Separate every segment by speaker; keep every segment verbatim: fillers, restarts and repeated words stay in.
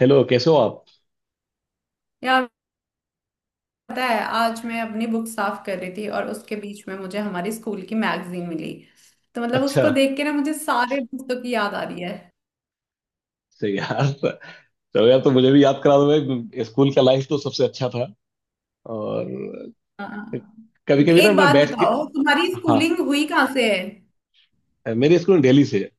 Speaker 1: Hello कैसे हो आप।
Speaker 2: यार, पता है आज मैं अपनी बुक साफ कर रही थी और उसके बीच में मुझे हमारी स्कूल की मैगजीन मिली। तो मतलब
Speaker 1: अच्छा।
Speaker 2: उसको देख के ना मुझे सारे दोस्तों की याद आ रही है।
Speaker 1: सही यार। चलो यार, तो मुझे भी याद करा दो भाई। स्कूल का लाइफ तो सबसे अच्छा था। और
Speaker 2: हाँ,
Speaker 1: कभी कभी ना
Speaker 2: एक
Speaker 1: मैं
Speaker 2: बात
Speaker 1: बैठ के...
Speaker 2: बताओ तुम्हारी
Speaker 1: हाँ,
Speaker 2: स्कूलिंग हुई कहाँ से है।
Speaker 1: मेरे स्कूल दिल्ली से है।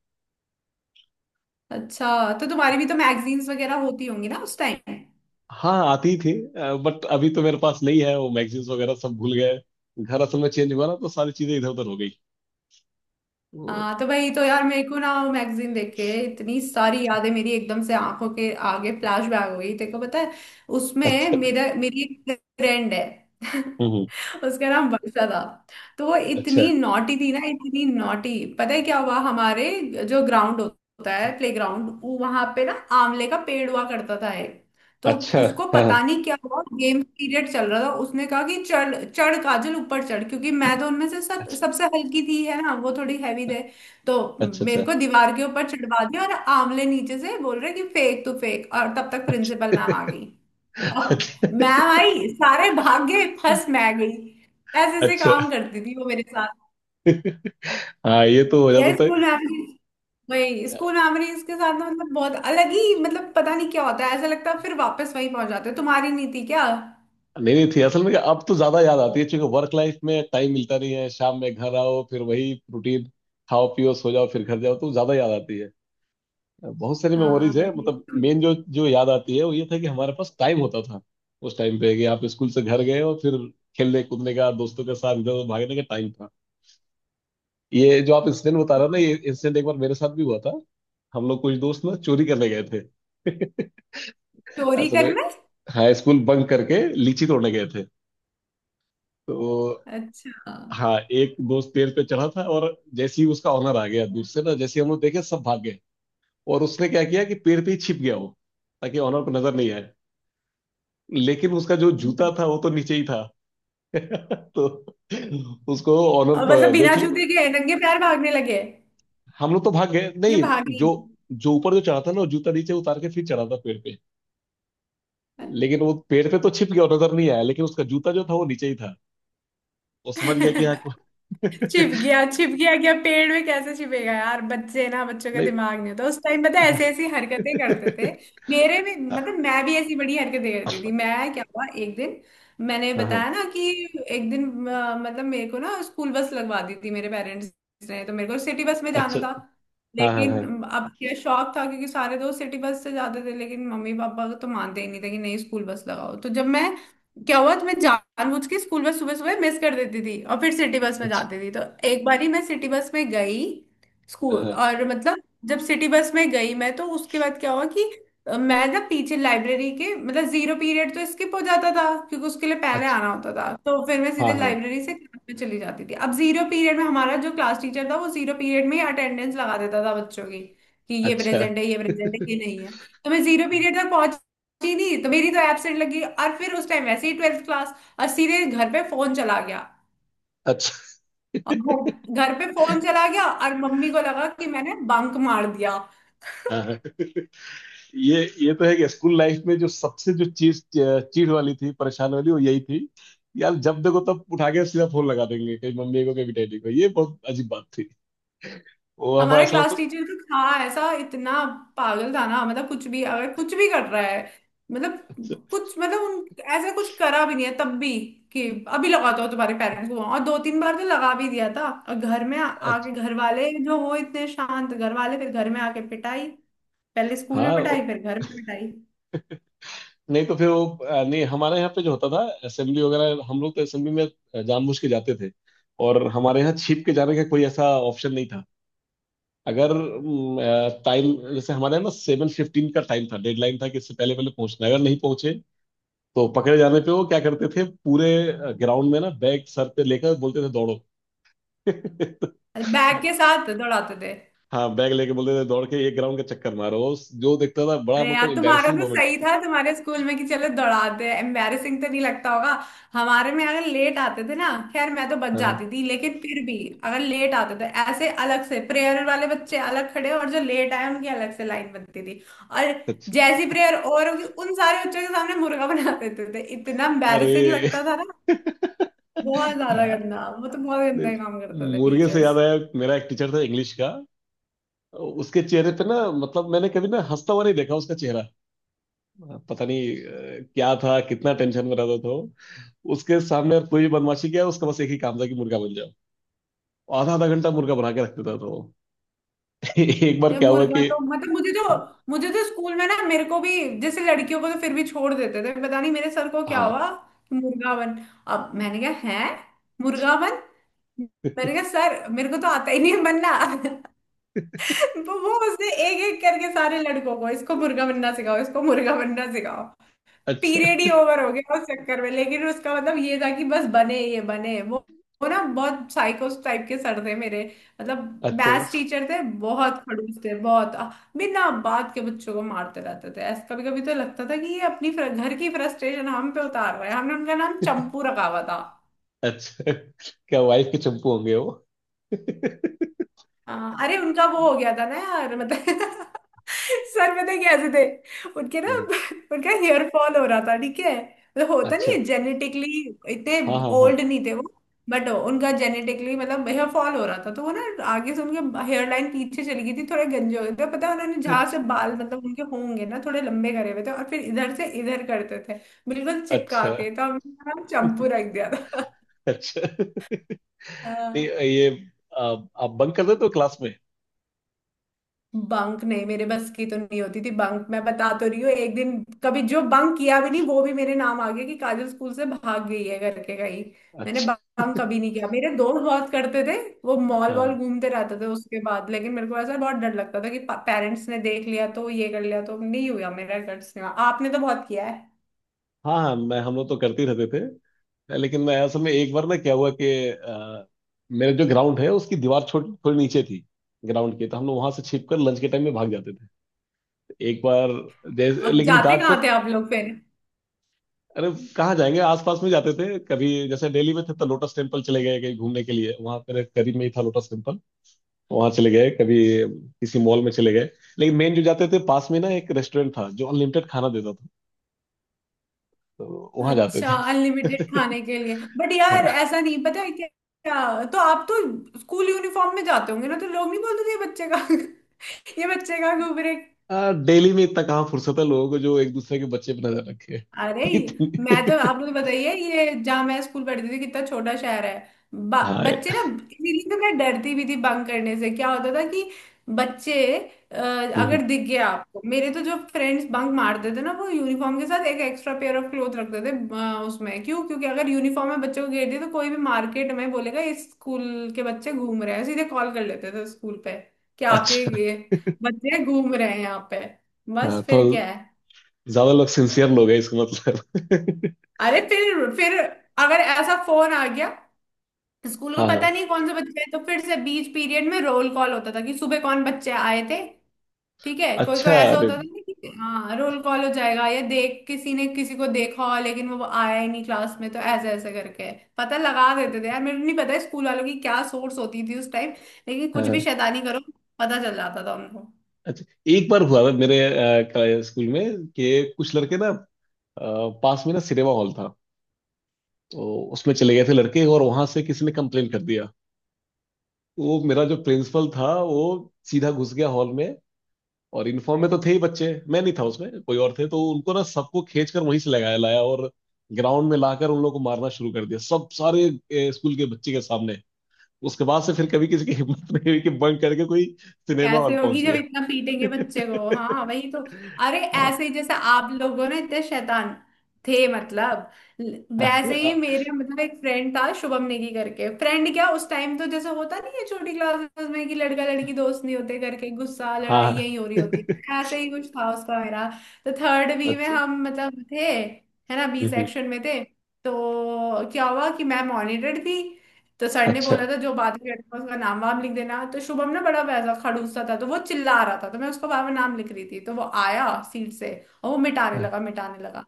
Speaker 2: अच्छा, तो तुम्हारी भी तो मैगजीन्स वगैरह होती होंगी ना उस टाइम।
Speaker 1: हाँ आती थी। बट अभी तो मेरे पास नहीं है वो मैगजीन्स वगैरह सब भूल गए। घर असल में चेंज हुआ ना तो सारी चीजें इधर उधर हो गई। तो,
Speaker 2: हाँ तो भाई, तो यार मेरे को ना वो मैगजीन देख के इतनी सारी यादें मेरी एकदम से आंखों के आगे फ्लैश बैक हो गई, तेरे को पता है। उसमें
Speaker 1: अच्छा।
Speaker 2: मेरा मेरी एक फ्रेंड है।
Speaker 1: हम्म हम्म,
Speaker 2: उसका नाम वर्षा था। तो वो
Speaker 1: अच्छा
Speaker 2: इतनी नॉटी थी ना, इतनी नॉटी, पता है क्या हुआ हमारे जो ग्राउंड होता है प्ले ग्राउंड वहां पे ना आंवले का पेड़ हुआ करता था। तो
Speaker 1: अच्छा।
Speaker 2: उसको
Speaker 1: हाँ।
Speaker 2: पता नहीं क्या हुआ, गेम पीरियड चल रहा था, उसने कहा कि चढ़ चढ़ काजल ऊपर चढ़, क्योंकि मैं तो उनमें से सब
Speaker 1: अच्छा
Speaker 2: सबसे हल्की थी, है ना, वो थोड़ी हैवी थे। तो
Speaker 1: अच्छा
Speaker 2: मेरे
Speaker 1: अच्छा
Speaker 2: को दीवार के ऊपर चढ़वा दिया और आंवले नीचे से बोल रहे कि फेंक तू फेंक, और तब तक
Speaker 1: अच्छा
Speaker 2: प्रिंसिपल मैम आ गई। और
Speaker 1: अच्छा
Speaker 2: मैम आई, सारे भाग गए, फंस मैं गई। ऐसे ऐसे
Speaker 1: अच्छा,
Speaker 2: काम करती थी वो मेरे साथ।
Speaker 1: हाँ ये तो हो
Speaker 2: यार
Speaker 1: जाता था।
Speaker 2: स्कूल मेमोरीज, वही स्कूल मेमोरीज के साथ ना, मतलब बहुत अलग ही, मतलब पता नहीं क्या होता है, ऐसा लगता है फिर वापस वहीं पहुंच जाते हो। तुम्हारी नहीं थी क्या।
Speaker 1: नहीं नहीं थी। असल में क्या, अब तो ज्यादा याद आती है क्योंकि वर्क लाइफ में टाइम मिलता नहीं है। शाम में घर आओ फिर वही रूटीन, खाओ पियो सो जाओ फिर घर जाओ, तो ज्यादा याद आती है। बहुत सारी
Speaker 2: हाँ
Speaker 1: मेमोरीज है,
Speaker 2: वही।
Speaker 1: मतलब मेन जो जो याद आती है वो ये था कि हमारे पास टाइम होता था उस टाइम पे। कि आप स्कूल से घर गए और फिर खेलने कूदने का, दोस्तों के साथ इधर उधर भागने का टाइम था। ये जो आप इंसिडेंट बता रहे हो ना ये इंसिडेंट एक बार मेरे साथ भी हुआ था। हम लोग कुछ दोस्त ना चोरी करने गए थे।
Speaker 2: चोरी
Speaker 1: असल में,
Speaker 2: करना।
Speaker 1: हाँ स्कूल बंक करके लीची तोड़ने गए थे। तो
Speaker 2: अच्छा।
Speaker 1: हाँ, एक दोस्त पेड़ पे चढ़ा था और जैसे ही उसका ऑनर आ गया दूर से ना, जैसे ही हम लोग देखे सब भाग गए। और उसने क्या किया कि पेड़ पे ही छिप गया वो, ताकि ऑनर को नजर नहीं आए। लेकिन उसका जो जूता
Speaker 2: हम्म।
Speaker 1: था वो तो नीचे ही था। तो उसको ऑनर
Speaker 2: और मतलब
Speaker 1: प-
Speaker 2: बिना
Speaker 1: देख ले।
Speaker 2: जूते के नंगे पैर भागने लगे।
Speaker 1: हम लोग तो भाग गए
Speaker 2: ये
Speaker 1: नहीं।
Speaker 2: भागे
Speaker 1: जो
Speaker 2: ही
Speaker 1: जो ऊपर जो चढ़ा था ना वो जूता नीचे उतार के फिर चढ़ा था पेड़ पे। लेकिन वो पेड़ पे तो छिप गया और नजर नहीं आया, लेकिन उसका जूता जो था वो नीचे ही था। वो समझ गया
Speaker 2: नहीं।
Speaker 1: कि हाँ को-
Speaker 2: छिप गया, छिप गया क्या पेड़ में, कैसे छिपेगा यार। बच्चे ना, बच्चों का
Speaker 1: नहीं।
Speaker 2: दिमाग नहीं होता उस टाइम, पता है ऐसे ऐसी हरकतें करते थे। मेरे भी मतलब, मैं भी ऐसी बड़ी हरकतें करती थी मैं। क्या हुआ एक दिन, मैंने
Speaker 1: हाँ हाँ,
Speaker 2: बताया ना कि एक दिन अ, मतलब मेरे को ना स्कूल बस लगवा दी थी मेरे पेरेंट्स ने, तो मेरे को सिटी बस में जाना
Speaker 1: अच्छा।
Speaker 2: था।
Speaker 1: हाँ हाँ
Speaker 2: लेकिन
Speaker 1: हाँ
Speaker 2: अब क्या शौक था क्योंकि सारे दोस्त सिटी बस से जाते थे, लेकिन मम्मी पापा तो मानते ही नहीं थे कि नहीं, स्कूल बस लगाओ। तो जब मैं क्या हुआ, तो मैं जानबूझ के स्कूल बस सुबह सुबह मिस कर देती थी और फिर सिटी बस में जाती थी। तो एक बारी मैं सिटी बस में गई
Speaker 1: हाँ
Speaker 2: स्कूल,
Speaker 1: हाँ,
Speaker 2: और मतलब जब सिटी बस में गई मैं तो उसके बाद क्या हुआ कि अ, मैं ना पीछे लाइब्रेरी के, मतलब जीरो पीरियड तो स्किप हो जाता था क्योंकि उसके लिए पहले
Speaker 1: अच्छा।
Speaker 2: आना होता था, तो फिर मैं
Speaker 1: हाँ
Speaker 2: सीधे
Speaker 1: हाँ,
Speaker 2: लाइब्रेरी से क्लास में चली जाती थी। अब जीरो पीरियड में हमारा जो क्लास टीचर था वो जीरो पीरियड में ही अटेंडेंस लगा देता था बच्चों की कि ये
Speaker 1: अच्छा।
Speaker 2: प्रेजेंट है, ये प्रेजेंट है, ये नहीं है। तो मैं जीरो पीरियड तक पहुंच पहुंची नहीं, तो मेरी तो एब्सेंट लगी। और फिर उस टाइम वैसे ही ट्वेल्थ क्लास, और सीधे घर पे फोन चला गया।
Speaker 1: अच्छा।
Speaker 2: और घर घर पे फोन चला गया और मम्मी को लगा कि मैंने बंक मार दिया।
Speaker 1: हाँ हाँ, ये ये तो है कि स्कूल लाइफ में जो सबसे जो चीज चीड़ वाली थी, परेशान वाली, वो यही थी। यार जब देखो तब उठा के सीधा फोन लगा देंगे कहीं मम्मी को कहीं डैडी को, ये बहुत अजीब बात थी। वो हमारा
Speaker 2: हमारे
Speaker 1: ऐसा लगता
Speaker 2: क्लास टीचर तो था ऐसा, इतना पागल था ना, मतलब कुछ भी, अगर कुछ भी कर रहा है, मतलब
Speaker 1: था,
Speaker 2: कुछ, मतलब उन ऐसा कुछ करा भी नहीं है तब भी, कि अभी लगाता हो तुम्हारे पेरेंट्स को। और दो तीन बार तो लगा भी दिया था। और घर में आ-
Speaker 1: अच्छा।
Speaker 2: आके घर वाले जो हो, इतने शांत घर वाले, फिर घर में आके पिटाई, पहले स्कूल में
Speaker 1: हाँ
Speaker 2: पिटाई
Speaker 1: वो-
Speaker 2: फिर घर में पिटाई।
Speaker 1: नहीं, तो फिर वो अ, नहीं हमारे यहाँ पे जो होता था असेंबली वगैरह, हम लोग तो असेंबली में जानबूझ के जाते थे। और हमारे यहाँ छिप के जाने का कोई ऐसा ऑप्शन नहीं था। अगर टाइम जैसे हमारे ना सेवन फिफ्टीन का टाइम था, डेडलाइन था कि इससे पहले पहले पहुंचना है। अगर नहीं पहुंचे तो पकड़े जाने पे वो क्या करते थे, पूरे ग्राउंड में ना बैग सर पे लेकर बोलते थे दौड़ो।
Speaker 2: बैग के साथ दौड़ाते थे।
Speaker 1: हाँ, बैग लेके बोलते थे दौड़ के ये ग्राउंड का चक्कर मारो, वो जो देखता था बड़ा
Speaker 2: अरे
Speaker 1: मतलब
Speaker 2: यार, तुम्हारा
Speaker 1: एम्बेरसिंग
Speaker 2: तो
Speaker 1: मोमेंट
Speaker 2: सही
Speaker 1: होती थी।
Speaker 2: था तुम्हारे स्कूल में कि चलो दौड़ाते हैं, एम्बैरेसिंग तो नहीं लगता होगा। हमारे में अगर लेट आते थे ना, खैर मैं तो बच
Speaker 1: हाँ, हाँ,
Speaker 2: जाती थी लेकिन फिर भी, अगर लेट आते थे ऐसे, अलग से प्रेयर वाले बच्चे अलग खड़े, और जो लेट आए उनकी अलग से लाइन बनती थी। और
Speaker 1: अच्छा
Speaker 2: जैसी प्रेयर और होगी उन सारे बच्चों के सामने मुर्गा बना देते थे, इतना एम्बैरेसिंग
Speaker 1: अरे।
Speaker 2: लगता था ना, बहुत ज्यादा
Speaker 1: हाँ,
Speaker 2: गंदा। वो तो बहुत
Speaker 1: नहीं,
Speaker 2: गंदा काम करते थे
Speaker 1: मुर्गे से
Speaker 2: टीचर्स।
Speaker 1: याद आया मेरा एक टीचर था इंग्लिश का। उसके चेहरे पे ना मतलब मैंने कभी ना हंसता हुआ नहीं देखा उसका चेहरा। पता नहीं अ, क्या था, कितना टेंशन में रहता था वो। उसके सामने अगर कोई भी बदमाशी किया उसका बस एक ही काम था कि मुर्गा बन जाओ। आधा आधा घंटा मुर्गा बना के रख देता था वो। एक बार
Speaker 2: या
Speaker 1: क्या हुआ
Speaker 2: मुर्गा
Speaker 1: कि
Speaker 2: तो मतलब, मुझे तो, मुझे तो स्कूल में ना मेरे को भी, जैसे लड़कियों को तो फिर भी छोड़ देते थे, पता नहीं मेरे सर को क्या
Speaker 1: हाँ,
Speaker 2: हुआ कि मुर्गा बन। अब मैंने कहा है, मुर्गा बन, मैंने कहा सर मेरे को तो आता ही नहीं है बनना। वो वो उसने एक एक करके सारे लड़कों को, इसको मुर्गा बनना सिखाओ, इसको मुर्गा बनना सिखाओ।
Speaker 1: अच्छा
Speaker 2: पीरियड ही ओवर हो गया उस चक्कर में, लेकिन उसका मतलब ये था कि बस बने ये बने वो। वो ना बहुत साइकोस टाइप के सर थे मेरे, मतलब
Speaker 1: अच्छा।
Speaker 2: मैथ्स टीचर थे, बहुत खड़ूस थे, बहुत अ, बिना बात के बच्चों को मारते रहते थे। ऐसा कभी कभी तो लगता था कि ये अपनी फ्र- घर की फ्रस्ट्रेशन हम पे उतार रहे हैं। हमने उनका नाम चंपू रखा हुआ था।
Speaker 1: अच्छा क्या वाइफ के चंपू होंगे वो।
Speaker 2: हाँ, अरे उनका वो हो गया था ना यार, मतलब सर पता है कैसे थे उनके ना,
Speaker 1: हाँ,
Speaker 2: उनका हेयर फॉल हो रहा था, ठीक है, मतलब होता नहीं
Speaker 1: अच्छा।
Speaker 2: है जेनेटिकली, इतने
Speaker 1: हाँ हाँ हाँ,
Speaker 2: ओल्ड नहीं थे वो। बट उनका जेनेटिकली मतलब हेयर फॉल हो रहा था, तो वो ना आगे से उनके हेयर लाइन पीछे चली गई थी, थोड़े गंजे हो गए थे, पता है उन्होंने जहाँ से बाल, मतलब उनके होंगे ना थोड़े लंबे, करे हुए थे और फिर इधर से इधर करते थे बिल्कुल चिपका
Speaker 1: अच्छा
Speaker 2: के, तो हमने ना चंपू रख दिया था।
Speaker 1: अच्छा। नहीं
Speaker 2: हाँ।
Speaker 1: ये आप आप बंक कर देते हो क्लास में।
Speaker 2: बंक नहीं, मेरे बस की तो नहीं होती थी बंक। मैं बता तो रही हूँ, एक दिन कभी जो बंक किया भी नहीं वो भी मेरे नाम आ गया कि काजल स्कूल से भाग गई है करके कहीं। मैंने
Speaker 1: अच्छा।
Speaker 2: बंक कभी नहीं किया, मेरे दोस्त बहुत करते थे, वो मॉल वॉल
Speaker 1: हाँ
Speaker 2: घूमते रहते थे उसके बाद, लेकिन मेरे को ऐसा बहुत डर लगता था कि पेरेंट्स ने देख लिया तो ये कर लिया, तो नहीं हुआ मेरा। कर आपने तो बहुत किया है।
Speaker 1: हाँ हाँ, मैं हम लोग तो करते ही रहते थे। लेकिन मैं असल में एक बार ना क्या हुआ कि अ, मेरा जो ग्राउंड है उसकी दीवार छोटी थोड़ी नीचे थी ग्राउंड की। तो हम लोग वहां से छिप कर लंच के टाइम में भाग जाते थे। एक बार जैसे,
Speaker 2: अब
Speaker 1: लेकिन
Speaker 2: जाते
Speaker 1: घाट को...
Speaker 2: कहाँ थे आप लोग फिर।
Speaker 1: अरे कहाँ जाएंगे, आसपास में जाते थे। कभी जैसे दिल्ली में थे तो लोटस टेम्पल चले गए कहीं घूमने के लिए, वहां पर करीब में ही था लोटस टेम्पल। वहां चले गए। कभी किसी मॉल में चले गए। लेकिन मेन जो जाते थे पास में ना एक रेस्टोरेंट था जो अनलिमिटेड खाना देता था, तो वहां जाते
Speaker 2: अच्छा
Speaker 1: थे।
Speaker 2: अनलिमिटेड खाने के लिए, बट यार
Speaker 1: हाँ,
Speaker 2: ऐसा नहीं, पता है क्या, तो आप तो स्कूल यूनिफॉर्म में जाते होंगे ना, तो लोग नहीं बोलते थे ये बच्चे का, ये बच्चे का घूम रहे।
Speaker 1: आ, डेली में इतना कहाँ फुर्सत है लोगों को जो एक दूसरे के बच्चे पर नजर रखे।
Speaker 2: अरे मैं, तो
Speaker 1: इतनी-
Speaker 2: आप लोग बताइए, ये जहाँ मैं स्कूल पढ़ती थी कितना छोटा शहर है। ब-
Speaker 1: हाँ
Speaker 2: बच्चे ना,
Speaker 1: यार।
Speaker 2: इसीलिए तो मैं डरती भी थी बंक करने से। क्या होता था कि बच्चे अ,
Speaker 1: हम्म,
Speaker 2: अगर दिख गया आपको मेरे, तो जो फ्रेंड्स बंक मारते थे ना वो यूनिफॉर्म के साथ एक एक्स्ट्रा पेयर ऑफ क्लोथ रखते थे। अ, उसमें क्यों, क्योंकि अगर यूनिफॉर्म में बच्चों को घेर दिया, तो कोई भी मार्केट में बोलेगा इस स्कूल के बच्चे घूम रहे हैं, सीधे कॉल कर लेते थे स्कूल पे कि आपके
Speaker 1: अच्छा।
Speaker 2: ये बच्चे घूम रहे हैं यहाँ पे।
Speaker 1: हाँ
Speaker 2: बस
Speaker 1: तो
Speaker 2: फिर क्या है।
Speaker 1: ज्यादा लोग सिंसियर लोग हैं इसका मतलब।
Speaker 2: अरे फिर फिर अगर ऐसा फोन आ गया स्कूल को,
Speaker 1: हाँ
Speaker 2: पता
Speaker 1: हाँ,
Speaker 2: नहीं कौन से बच्चे आए, तो फिर से बीच पीरियड में रोल कॉल होता था कि सुबह कौन बच्चे आए थे। ठीक है, कोई कोई
Speaker 1: अच्छा
Speaker 2: ऐसा
Speaker 1: अरे।
Speaker 2: होता था ना कि हाँ रोल कॉल हो जाएगा, या देख किसी ने किसी को देखा, लेकिन वो आया ही नहीं क्लास में, तो ऐसे ऐसे करके पता लगा देते थे। यार मेरे को नहीं पता स्कूल वालों की क्या सोर्स होती थी उस टाइम, लेकिन
Speaker 1: हाँ
Speaker 2: कुछ भी
Speaker 1: हाँ।
Speaker 2: शैतानी करो पता चल जाता था उनको।
Speaker 1: अच्छा एक बार हुआ था मेरे अ, का- स्कूल में कि कुछ लड़के ना अ, पास में ना सिनेमा हॉल था तो उसमें चले गए थे लड़के और वहां से किसी ने कंप्लेन कर दिया। वो मेरा जो प्रिंसिपल था वो सीधा घुस गया हॉल में। और यूनिफॉर्म में तो थे ही बच्चे, मैं नहीं था उसमें कोई और थे, तो उनको ना सबको खींच कर वहीं से लगाया लाया और ग्राउंड में लाकर उन लोगों को मारना शुरू कर दिया सब सारे ए, स्कूल के बच्चे के सामने। उसके बाद से फिर कभी किसी की हिम्मत नहीं हुई कि बंक करके कोई सिनेमा
Speaker 2: कैसे
Speaker 1: हॉल
Speaker 2: होगी जब
Speaker 1: पहुंचे।
Speaker 2: इतना पीटेंगे बच्चे को, हाँ वही तो। अरे
Speaker 1: हाँ
Speaker 2: ऐसे ही, जैसे आप लोगों ने, इतने शैतान थे मतलब, ल- वैसे ही
Speaker 1: हाँ
Speaker 2: मेरे, मतलब एक फ्रेंड था शुभम नेगी करके, फ्रेंड क्या, उस टाइम तो जैसे होता नहीं है छोटी क्लासेस में कि लड़का लड़की दोस्त नहीं होते करके, गुस्सा लड़ाई
Speaker 1: हाँ।
Speaker 2: यही हो रही होती है, ऐसे ही कुछ था उसका मेरा। तो थर्ड बी में
Speaker 1: अच्छा।
Speaker 2: हम मतलब थे, है ना, बी
Speaker 1: हम्म,
Speaker 2: सेक्शन में थे। तो क्या हुआ कि मैं मॉनिटर थी, तो सर ने
Speaker 1: अच्छा।
Speaker 2: बोला था जो बात कर रहा था उसका नाम वाम लिख देना। तो शुभम ना बड़ा वैसा खड़ूसा था, तो वो चिल्ला रहा था, तो मैं उसका बाबा नाम लिख रही थी, तो वो आया सीट से और वो मिटाने
Speaker 1: हाँ,
Speaker 2: लगा, मिटाने लगा।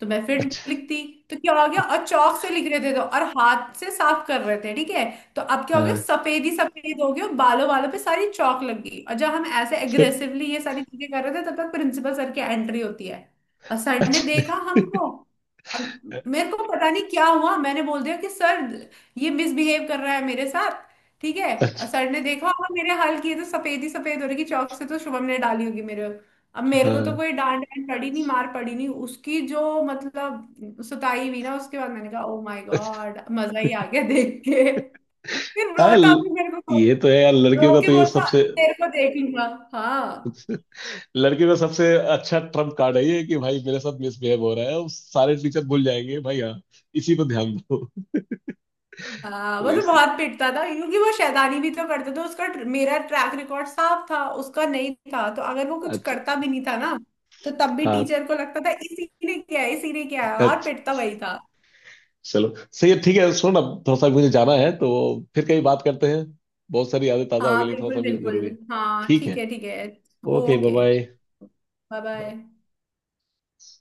Speaker 2: तो मैं फिर
Speaker 1: अच्छा।
Speaker 2: लिखती। तो क्या हो गया, और चौक से लिख रहे थे तो, और हाथ से साफ कर रहे थे, ठीक है। तो अब क्या हो गया,
Speaker 1: हाँ,
Speaker 2: सफेद ही सफेद हो गया, बालों वालों पे सारी चौक लग गई, और जब हम ऐसे एग्रेसिवली ये सारी चीजें कर रहे थे तब तक प्रिंसिपल सर की एंट्री होती है। और
Speaker 1: अच्छा
Speaker 2: सर ने
Speaker 1: अच्छा।
Speaker 2: देखा हमको। अब मेरे को पता नहीं क्या हुआ, मैंने बोल दिया कि सर ये मिसबिहेव कर रहा है मेरे साथ, ठीक है। और सर ने देखा होगा मेरे हाल किए, तो सफेद ही सफेद हो रही कि चौक से, तो शुभम ने डाली होगी मेरे। अब मेरे को तो
Speaker 1: हाँ,
Speaker 2: कोई डांट, डांट पड़ी नहीं मार पड़ी नहीं, उसकी जो मतलब सुताई हुई ना, उसके बाद मैंने कहा ओ माय
Speaker 1: अच्छा।
Speaker 2: गॉड मजा ही आ गया देख के। फिर
Speaker 1: हाँ,
Speaker 2: रोता भी
Speaker 1: ल-
Speaker 2: मेरे को,
Speaker 1: ये तो है यार, लड़कियों
Speaker 2: रो
Speaker 1: का
Speaker 2: के
Speaker 1: तो ये
Speaker 2: बोलता
Speaker 1: सबसे
Speaker 2: तेरे को देख लूंगा। हाँ।
Speaker 1: लड़के का सबसे अच्छा ट्रम्प कार्ड है ये कि भाई मेरे साथ मिसबिहेव हो रहा है, अब सारे टीचर भूल जाएंगे भाई हाँ इसी पे ध्यान दो।
Speaker 2: हाँ
Speaker 1: तो
Speaker 2: वो तो
Speaker 1: इस
Speaker 2: बहुत पिटता था क्योंकि वो शैतानी भी तो करता था। उसका मेरा ट्रैक रिकॉर्ड साफ था, उसका नहीं था, तो अगर वो कुछ
Speaker 1: अच्छा।
Speaker 2: करता भी नहीं था ना, तो तब भी
Speaker 1: हाँ,
Speaker 2: टीचर को लगता था इसी ने क्या है, इसी ने क्या है, और
Speaker 1: अच्छा
Speaker 2: पिटता वही था।
Speaker 1: चलो सही है ठीक है। सुनो ना, थोड़ा सा मुझे जाना है तो फिर कहीं बात करते हैं। बहुत सारी यादें ताज़ा हो गई,
Speaker 2: हाँ
Speaker 1: लेकिन थोड़ा सा
Speaker 2: बिल्कुल
Speaker 1: भी
Speaker 2: बिल्कुल।
Speaker 1: जरूरी है।
Speaker 2: हाँ
Speaker 1: ठीक
Speaker 2: ठीक
Speaker 1: है।
Speaker 2: है ठीक है।
Speaker 1: Okay
Speaker 2: okay
Speaker 1: bye
Speaker 2: bye. Bye
Speaker 1: bye.